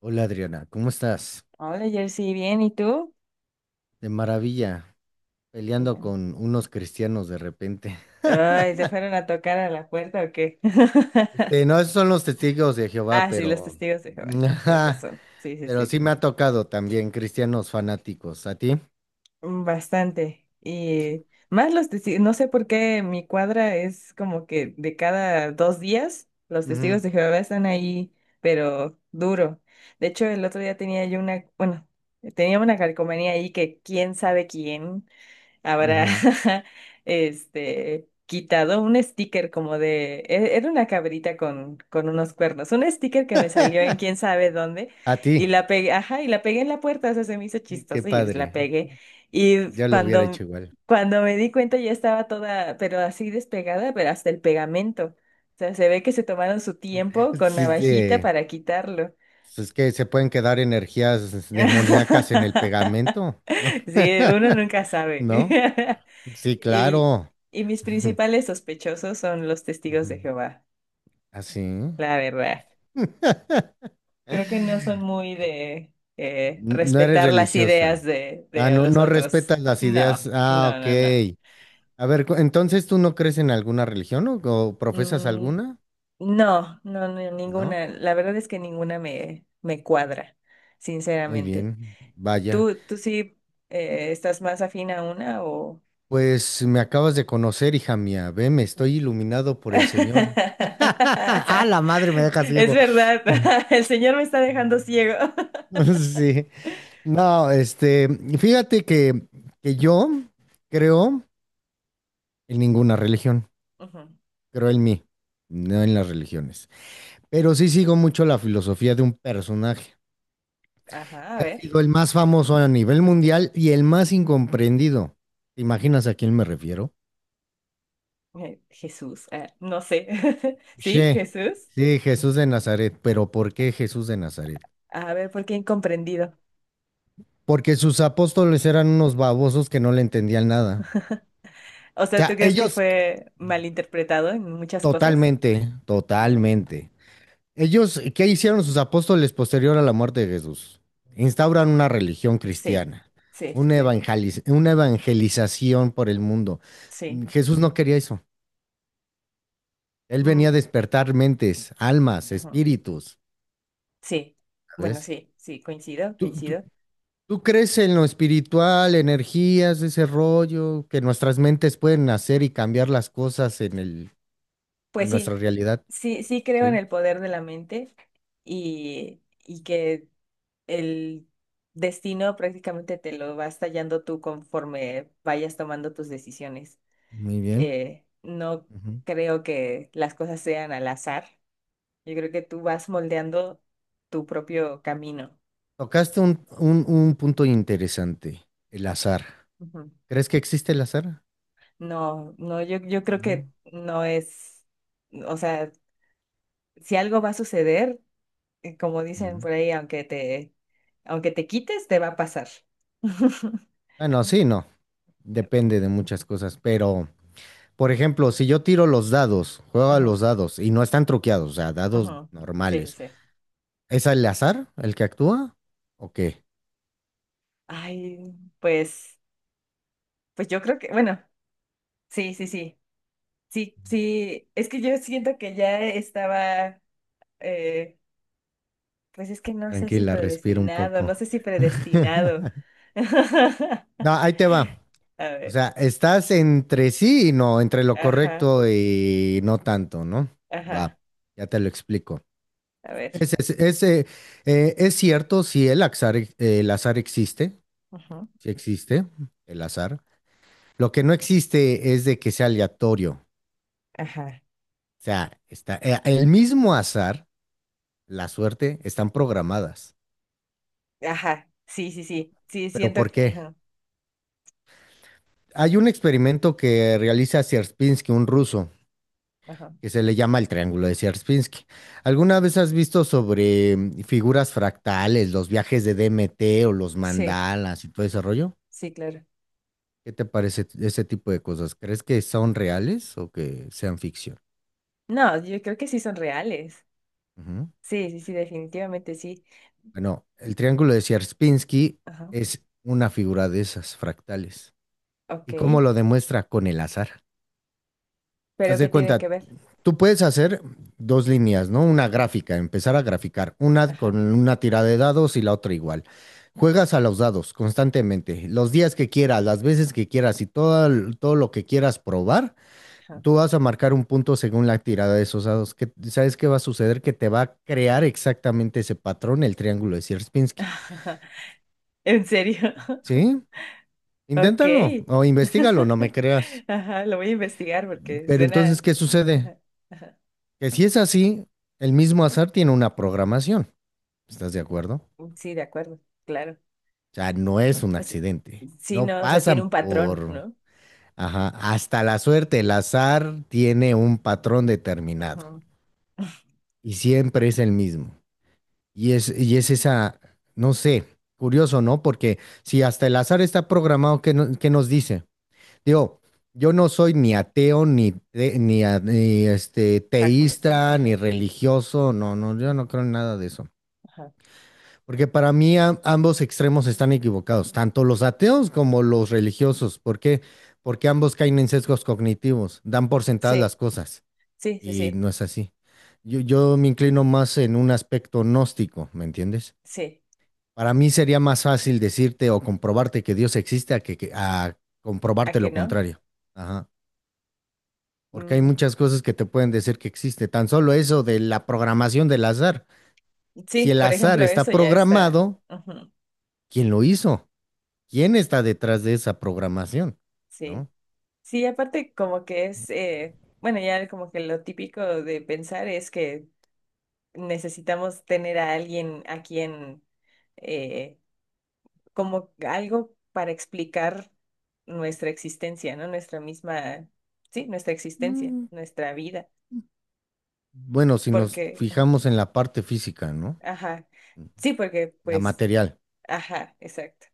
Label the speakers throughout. Speaker 1: Hola Adriana, ¿cómo estás?
Speaker 2: Hola, Jersey, bien, ¿y tú?
Speaker 1: De maravilla,
Speaker 2: Qué
Speaker 1: peleando
Speaker 2: bueno.
Speaker 1: con unos cristianos de repente.
Speaker 2: Ay, ¿te fueron a tocar a la puerta o qué?
Speaker 1: No, esos son los testigos de Jehová,
Speaker 2: Ah, sí, los
Speaker 1: pero...
Speaker 2: testigos de Jehová, sí, tienes
Speaker 1: ajá,
Speaker 2: razón. Sí, sí,
Speaker 1: pero
Speaker 2: sí.
Speaker 1: sí me ha tocado también cristianos fanáticos. ¿A ti?
Speaker 2: Bastante. Y más los testigos, no sé por qué mi cuadra es como que de cada dos días los
Speaker 1: Ujú,
Speaker 2: testigos de Jehová están ahí, pero duro. De hecho, el otro día tenía yo bueno, tenía una calcomanía ahí que quién sabe quién habrá
Speaker 1: ujú.
Speaker 2: quitado un sticker como de era una cabrita con unos cuernos, un sticker que me salió en quién sabe dónde
Speaker 1: A
Speaker 2: y
Speaker 1: ti.
Speaker 2: la pegué, ajá, y la pegué en la puerta, o sea, se me hizo
Speaker 1: Qué
Speaker 2: chistoso y pues la
Speaker 1: padre.
Speaker 2: pegué y
Speaker 1: Yo lo hubiera
Speaker 2: cuando
Speaker 1: hecho igual.
Speaker 2: cuando me di cuenta ya estaba toda pero así despegada, pero hasta el pegamento. O sea, se ve que se tomaron su tiempo con
Speaker 1: Sí,
Speaker 2: navajita
Speaker 1: sí,
Speaker 2: para quitarlo.
Speaker 1: pues es que se pueden quedar energías demoníacas en el pegamento.
Speaker 2: Sí, uno nunca sabe.
Speaker 1: ¿No? Sí,
Speaker 2: Y,
Speaker 1: claro.
Speaker 2: y mis principales sospechosos son los testigos
Speaker 1: Ujú.
Speaker 2: de Jehová,
Speaker 1: Así.
Speaker 2: la verdad. Creo que no son muy de
Speaker 1: No eres
Speaker 2: respetar las
Speaker 1: religiosa.
Speaker 2: ideas de,
Speaker 1: Ah,
Speaker 2: de
Speaker 1: no,
Speaker 2: los
Speaker 1: no
Speaker 2: otros.
Speaker 1: respetas las
Speaker 2: No,
Speaker 1: ideas. Ah,
Speaker 2: no,
Speaker 1: ok.
Speaker 2: no, no.
Speaker 1: A ver, entonces tú no crees en alguna religión o profesas
Speaker 2: Mm,
Speaker 1: alguna,
Speaker 2: no, no, no,
Speaker 1: ¿no?
Speaker 2: ninguna. La verdad es que ninguna me cuadra,
Speaker 1: Muy
Speaker 2: sinceramente.
Speaker 1: bien, vaya.
Speaker 2: ¿Tú sí estás más afín a una o?
Speaker 1: Pues me acabas de conocer, hija mía. Ve, me estoy iluminado por
Speaker 2: Es
Speaker 1: el Señor. Ah, la madre me deja ciego.
Speaker 2: verdad, el Señor me está dejando ciego.
Speaker 1: Sí. No, fíjate que yo creo en ninguna religión.
Speaker 2: Ujú.
Speaker 1: Creo en mí, no en las religiones. Pero sí sigo mucho la filosofía de un personaje
Speaker 2: Ajá, a
Speaker 1: que ha
Speaker 2: ver.
Speaker 1: sido el más famoso a nivel mundial y el más incomprendido. ¿Te imaginas a quién me refiero?
Speaker 2: Jesús, no sé. ¿Sí,
Speaker 1: Che,
Speaker 2: Jesús?
Speaker 1: sí, Jesús de Nazaret. ¿Pero por qué Jesús de Nazaret?
Speaker 2: A ver, ¿por qué incomprendido?
Speaker 1: Porque sus apóstoles eran unos babosos que no le entendían nada.
Speaker 2: O
Speaker 1: O
Speaker 2: sea, ¿tú
Speaker 1: sea,
Speaker 2: crees que
Speaker 1: ellos
Speaker 2: fue malinterpretado en muchas cosas?
Speaker 1: totalmente,
Speaker 2: Mm,
Speaker 1: totalmente ellos, ¿qué hicieron sus apóstoles posterior a la muerte de Jesús? Instauran una religión
Speaker 2: sí,
Speaker 1: cristiana,
Speaker 2: sí, sí, sí,
Speaker 1: una evangelización por el mundo.
Speaker 2: sí.
Speaker 1: Jesús no quería eso. Él venía a
Speaker 2: Mm,
Speaker 1: despertar mentes, almas,
Speaker 2: ajá,
Speaker 1: espíritus,
Speaker 2: sí, bueno,
Speaker 1: ¿sabes?
Speaker 2: sí, sí, coincido,
Speaker 1: ¿Tú, tú-
Speaker 2: coincido.
Speaker 1: ¿Tú crees en lo espiritual, energías, ese rollo, que nuestras mentes pueden hacer y cambiar las cosas en en
Speaker 2: Pues
Speaker 1: nuestra
Speaker 2: sí,
Speaker 1: realidad?
Speaker 2: sí, sí creo en
Speaker 1: Sí,
Speaker 2: el poder de la mente y que el destino prácticamente te lo vas tallando tú conforme vayas tomando tus decisiones.
Speaker 1: muy bien.
Speaker 2: No
Speaker 1: Ujú.
Speaker 2: creo que las cosas sean al azar. Yo creo que tú vas moldeando tu propio camino.
Speaker 1: Tocaste un punto interesante, el azar.
Speaker 2: Ujú.
Speaker 1: ¿Crees que existe el azar?
Speaker 2: No, no, yo creo
Speaker 1: No.
Speaker 2: que no es, o sea, si algo va a suceder, como dicen
Speaker 1: Mm.
Speaker 2: por ahí, aunque te quites, te va a pasar.
Speaker 1: Bueno, sí, no. Depende de muchas cosas. Pero, por ejemplo, si yo tiro los dados, juego a
Speaker 2: Ujú,
Speaker 1: los dados y no están truqueados, o sea, dados
Speaker 2: ujú. Sí, sí,
Speaker 1: normales,
Speaker 2: sí.
Speaker 1: ¿es el azar el que actúa? ¿O qué?
Speaker 2: Ay, pues, pues yo creo que, bueno, sí, sí, sí, sí, sí, es que yo siento que ya estaba, eh, Pues es que no sé si
Speaker 1: Tranquila, respira un
Speaker 2: predestinado, no
Speaker 1: poco.
Speaker 2: sé si predestinado.
Speaker 1: No, ahí te va.
Speaker 2: A
Speaker 1: O
Speaker 2: ver,
Speaker 1: sea, estás entre sí y no, entre lo
Speaker 2: ajá,
Speaker 1: correcto y no tanto, ¿no?
Speaker 2: ajá,
Speaker 1: Va, ya te lo explico.
Speaker 2: a ver.
Speaker 1: Ese, ese, ese, eh, es cierto si el azar, el azar existe,
Speaker 2: Ujú,
Speaker 1: sí existe el azar. Lo que no existe es de que sea aleatorio. O
Speaker 2: ajá,
Speaker 1: sea, está, el mismo azar, la suerte, están programadas.
Speaker 2: ajá, sí, sí, sí, sí,
Speaker 1: ¿Pero
Speaker 2: siento
Speaker 1: por
Speaker 2: que.
Speaker 1: qué?
Speaker 2: Ajá,
Speaker 1: Hay un experimento que realiza Sierpinski, un ruso,
Speaker 2: ajá,
Speaker 1: que se le llama el triángulo de Sierpinski. ¿Alguna vez has visto sobre figuras fractales, los viajes de DMT o los
Speaker 2: sí,
Speaker 1: mandalas y todo ese rollo?
Speaker 2: sí, claro.
Speaker 1: ¿Qué te parece ese tipo de cosas? ¿Crees que son reales o que sean ficción?
Speaker 2: No, yo creo que sí son reales.
Speaker 1: Ujú.
Speaker 2: Sí, sí, sí, definitivamente sí.
Speaker 1: Bueno, el triángulo de Sierpinski
Speaker 2: Ajá,
Speaker 1: es una figura de esas fractales.
Speaker 2: ok,
Speaker 1: ¿Y cómo lo demuestra? Con el azar.
Speaker 2: pero
Speaker 1: Haz
Speaker 2: ¿qué
Speaker 1: de
Speaker 2: tiene que
Speaker 1: cuenta,
Speaker 2: ver?
Speaker 1: tú puedes hacer dos líneas, ¿no? Una gráfica, empezar a graficar, una con
Speaker 2: Ajá,
Speaker 1: una tirada de dados y la otra igual. Juegas a los dados constantemente, los días que quieras, las veces que quieras y todo, todo lo que quieras probar,
Speaker 2: ajá.
Speaker 1: tú vas a marcar un punto según la tirada de esos dados. ¿Sabes qué va a suceder? Que te va a crear exactamente ese patrón, el triángulo de Sierpinski.
Speaker 2: ¿En serio?
Speaker 1: ¿Sí?
Speaker 2: Ok.
Speaker 1: Inténtalo o investigalo, no me creas.
Speaker 2: Ajá, lo voy a investigar porque
Speaker 1: Pero entonces,
Speaker 2: suena.
Speaker 1: ¿qué sucede?
Speaker 2: Ajá. Ajá.
Speaker 1: Que si es así, el mismo azar tiene una programación. ¿Estás de acuerdo? O
Speaker 2: Sí, de acuerdo, claro.
Speaker 1: sea, no es un
Speaker 2: O sea,
Speaker 1: accidente.
Speaker 2: sí,
Speaker 1: No
Speaker 2: no, o sea, tiene un
Speaker 1: pasan
Speaker 2: patrón,
Speaker 1: por...
Speaker 2: ¿no?
Speaker 1: Ajá, hasta la suerte, el azar tiene un patrón determinado
Speaker 2: Ujú.
Speaker 1: y siempre es el mismo. Y es esa, no sé, curioso, ¿no? Porque si hasta el azar está programado, ¿qué, no- ¿qué nos dice? Digo, yo no soy ni ateo, ni
Speaker 2: Agnos, sí.
Speaker 1: teísta, ni
Speaker 2: Ajá,
Speaker 1: religioso, no, no, yo no creo en nada de eso.
Speaker 2: ajá.
Speaker 1: Porque para mí ambos extremos están equivocados, tanto los ateos como los religiosos. ¿Por qué? Porque ambos caen en sesgos cognitivos, dan por sentadas
Speaker 2: Sí,
Speaker 1: las cosas
Speaker 2: sí, sí,
Speaker 1: y
Speaker 2: sí,
Speaker 1: no es así. Yo me inclino más en un aspecto gnóstico, ¿me entiendes?
Speaker 2: sí.
Speaker 1: Para mí sería más fácil decirte o comprobarte que Dios existe a que- a
Speaker 2: ¿A
Speaker 1: comprobarte
Speaker 2: qué
Speaker 1: lo
Speaker 2: no?
Speaker 1: contrario. Ajá. Porque hay
Speaker 2: Mm,
Speaker 1: muchas cosas que te pueden decir que existe. Tan solo eso de la programación del azar. Si
Speaker 2: sí,
Speaker 1: el
Speaker 2: por
Speaker 1: azar
Speaker 2: ejemplo,
Speaker 1: está
Speaker 2: eso ya está.
Speaker 1: programado,
Speaker 2: Ujú.
Speaker 1: ¿quién lo hizo? ¿Quién está detrás de esa programación?
Speaker 2: Sí,
Speaker 1: ¿No?
Speaker 2: sí, aparte como que es, bueno, ya como que lo típico de pensar es que necesitamos tener a alguien a quien, eh, como algo para explicar nuestra existencia, ¿no? Nuestra misma, sí, nuestra existencia,
Speaker 1: Mm.
Speaker 2: nuestra vida,
Speaker 1: Bueno, si nos
Speaker 2: porque,
Speaker 1: fijamos en la parte física, ¿no?
Speaker 2: ajá, sí, porque
Speaker 1: La
Speaker 2: pues,
Speaker 1: material.
Speaker 2: ajá, exacto.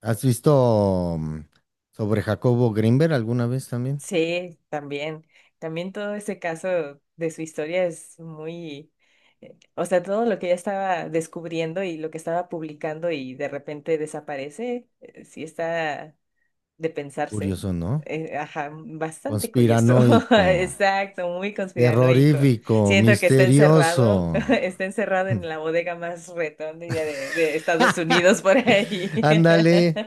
Speaker 1: ¿Has visto sobre Jacobo Grinberg alguna vez también?
Speaker 2: Sí, también, también todo ese caso de su historia es muy, o sea, todo lo que ella estaba descubriendo y lo que estaba publicando y de repente desaparece, sí está de pensarse.
Speaker 1: Curioso, ¿no?
Speaker 2: Ajá, bastante curioso.
Speaker 1: Conspiranoico,
Speaker 2: Exacto, muy conspiranoico.
Speaker 1: terrorífico,
Speaker 2: Siento que está
Speaker 1: misterioso.
Speaker 2: encerrado, está encerrado en la bodega más retonda de Estados Unidos por ahí.
Speaker 1: Ándale,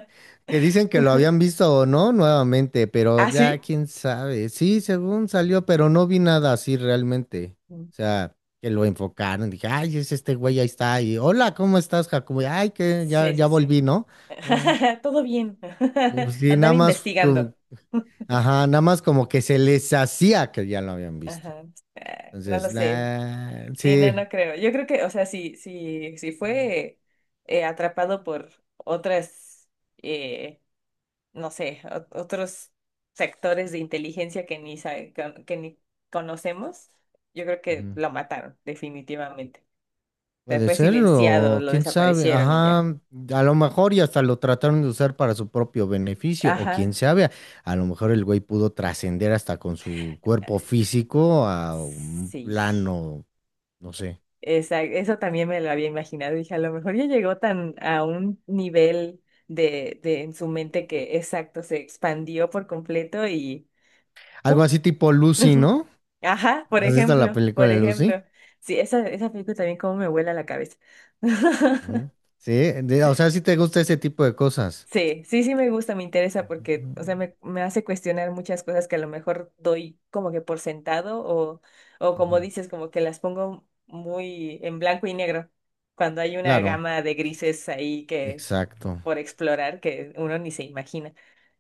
Speaker 1: que dicen que lo habían visto o no nuevamente, pero
Speaker 2: ¿Ah,
Speaker 1: ya
Speaker 2: sí?
Speaker 1: quién sabe. Sí, según salió, pero no vi nada así realmente.
Speaker 2: Mm,
Speaker 1: O sea, que lo enfocaron, dije, ay, es este güey, ahí está, y hola, ¿cómo estás, Jacobo? Y, ay, que ya,
Speaker 2: sí, sí,
Speaker 1: ya
Speaker 2: sí.
Speaker 1: volví, ¿no? No,
Speaker 2: Todo bien.
Speaker 1: pues sí,
Speaker 2: Andaba
Speaker 1: nada más,
Speaker 2: investigando.
Speaker 1: ajá, nada más como que se les hacía que ya lo habían visto.
Speaker 2: Ajá. Ah, no lo
Speaker 1: Entonces,
Speaker 2: sé.
Speaker 1: nah,
Speaker 2: Sí, no,
Speaker 1: sí.
Speaker 2: no creo. Yo creo que, o sea, si fue atrapado por otras. eh, no sé, otros sectores de inteligencia que ni conocemos, yo creo que lo mataron, definitivamente. O sea,
Speaker 1: Puede
Speaker 2: fue
Speaker 1: ser,
Speaker 2: silenciado,
Speaker 1: o
Speaker 2: lo
Speaker 1: quién sabe,
Speaker 2: desaparecieron y
Speaker 1: ajá,
Speaker 2: ya.
Speaker 1: a lo mejor y hasta lo trataron de usar para su propio beneficio, o quién
Speaker 2: Ajá,
Speaker 1: sabe, a lo mejor el güey pudo trascender hasta con su cuerpo físico a un
Speaker 2: sí.
Speaker 1: plano, no sé,
Speaker 2: Eso también me lo había imaginado. Dije, a lo mejor ya llegó tan a un nivel de en su mente que exacto, se expandió por completo y
Speaker 1: algo
Speaker 2: ¡pum!
Speaker 1: así tipo Lucy, ¿no?
Speaker 2: Ajá, por
Speaker 1: ¿Has visto la
Speaker 2: ejemplo,
Speaker 1: película
Speaker 2: por
Speaker 1: de Lucy?
Speaker 2: ejemplo. Sí, esa película también como me vuela la cabeza.
Speaker 1: Ujú. Sí, o sea, si te gusta ese tipo de cosas.
Speaker 2: Sí, sí, sí me gusta, me interesa porque,
Speaker 1: Ujú,
Speaker 2: o sea, me hace cuestionar muchas cosas que a lo mejor doy como que por sentado o, como dices, como que las pongo muy en blanco y negro, cuando hay una
Speaker 1: claro,
Speaker 2: gama de grises ahí que
Speaker 1: exacto.
Speaker 2: por explorar que uno ni se imagina.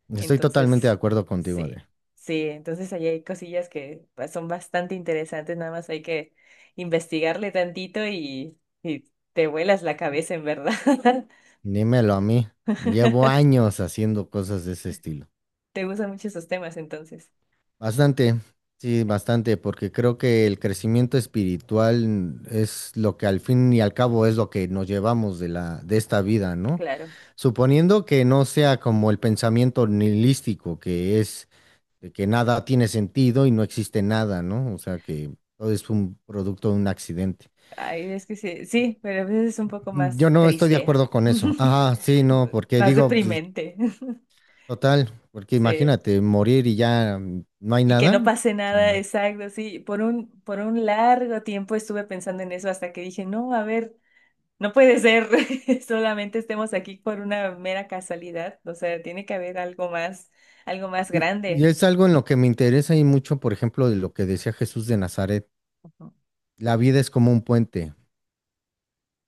Speaker 1: Estoy totalmente de
Speaker 2: Entonces,
Speaker 1: acuerdo contigo,
Speaker 2: sí,
Speaker 1: Adrián.
Speaker 2: sí, entonces ahí hay cosillas que pues, son bastante interesantes, nada más hay que investigarle tantito y te vuelas la cabeza en verdad.
Speaker 1: Dímelo a mí. Llevo años haciendo cosas de ese estilo.
Speaker 2: Te gustan mucho esos temas entonces.
Speaker 1: Bastante, sí, bastante, porque creo que el crecimiento espiritual es lo que al fin y al cabo es lo que nos llevamos de de esta vida, ¿no?
Speaker 2: Claro,
Speaker 1: Suponiendo que no sea como el pensamiento nihilístico, que es de que nada tiene sentido y no existe nada, ¿no? O sea, que todo es un producto de un accidente.
Speaker 2: ay, es que sí, sí, pero a veces es un poco
Speaker 1: Yo
Speaker 2: más
Speaker 1: no estoy de
Speaker 2: triste,
Speaker 1: acuerdo con eso. Ajá, sí, no, porque
Speaker 2: más
Speaker 1: digo, pues,
Speaker 2: deprimente,
Speaker 1: total, porque
Speaker 2: sí.
Speaker 1: imagínate morir y ya no hay
Speaker 2: Y que
Speaker 1: nada.
Speaker 2: no pase nada, exacto, sí. Por un largo tiempo estuve pensando en eso hasta que dije, no, a ver, no puede ser, solamente estemos aquí por una mera casualidad, o sea, tiene que haber algo más
Speaker 1: Y
Speaker 2: grande.
Speaker 1: es algo en lo que me interesa y mucho, por ejemplo, de lo que decía Jesús de Nazaret. La vida es como un puente.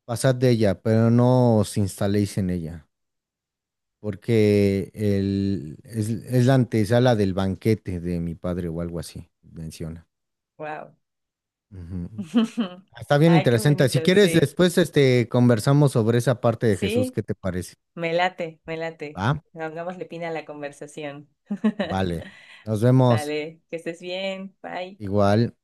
Speaker 1: Pasad de ella, pero no os instaléis en ella, porque es la antesala del banquete de mi padre o algo así, menciona.
Speaker 2: Wow.
Speaker 1: Ujú. Ah, está bien
Speaker 2: Ay, qué
Speaker 1: interesante. Si
Speaker 2: bonito,
Speaker 1: quieres,
Speaker 2: sí,
Speaker 1: después conversamos sobre esa parte de Jesús.
Speaker 2: sí.
Speaker 1: ¿Qué te parece?
Speaker 2: Me late, me late.
Speaker 1: ¿Va?
Speaker 2: Pongámosle pina a la conversación.
Speaker 1: Vale. Nos vemos
Speaker 2: Sale, que estés bien. Bye.
Speaker 1: igual.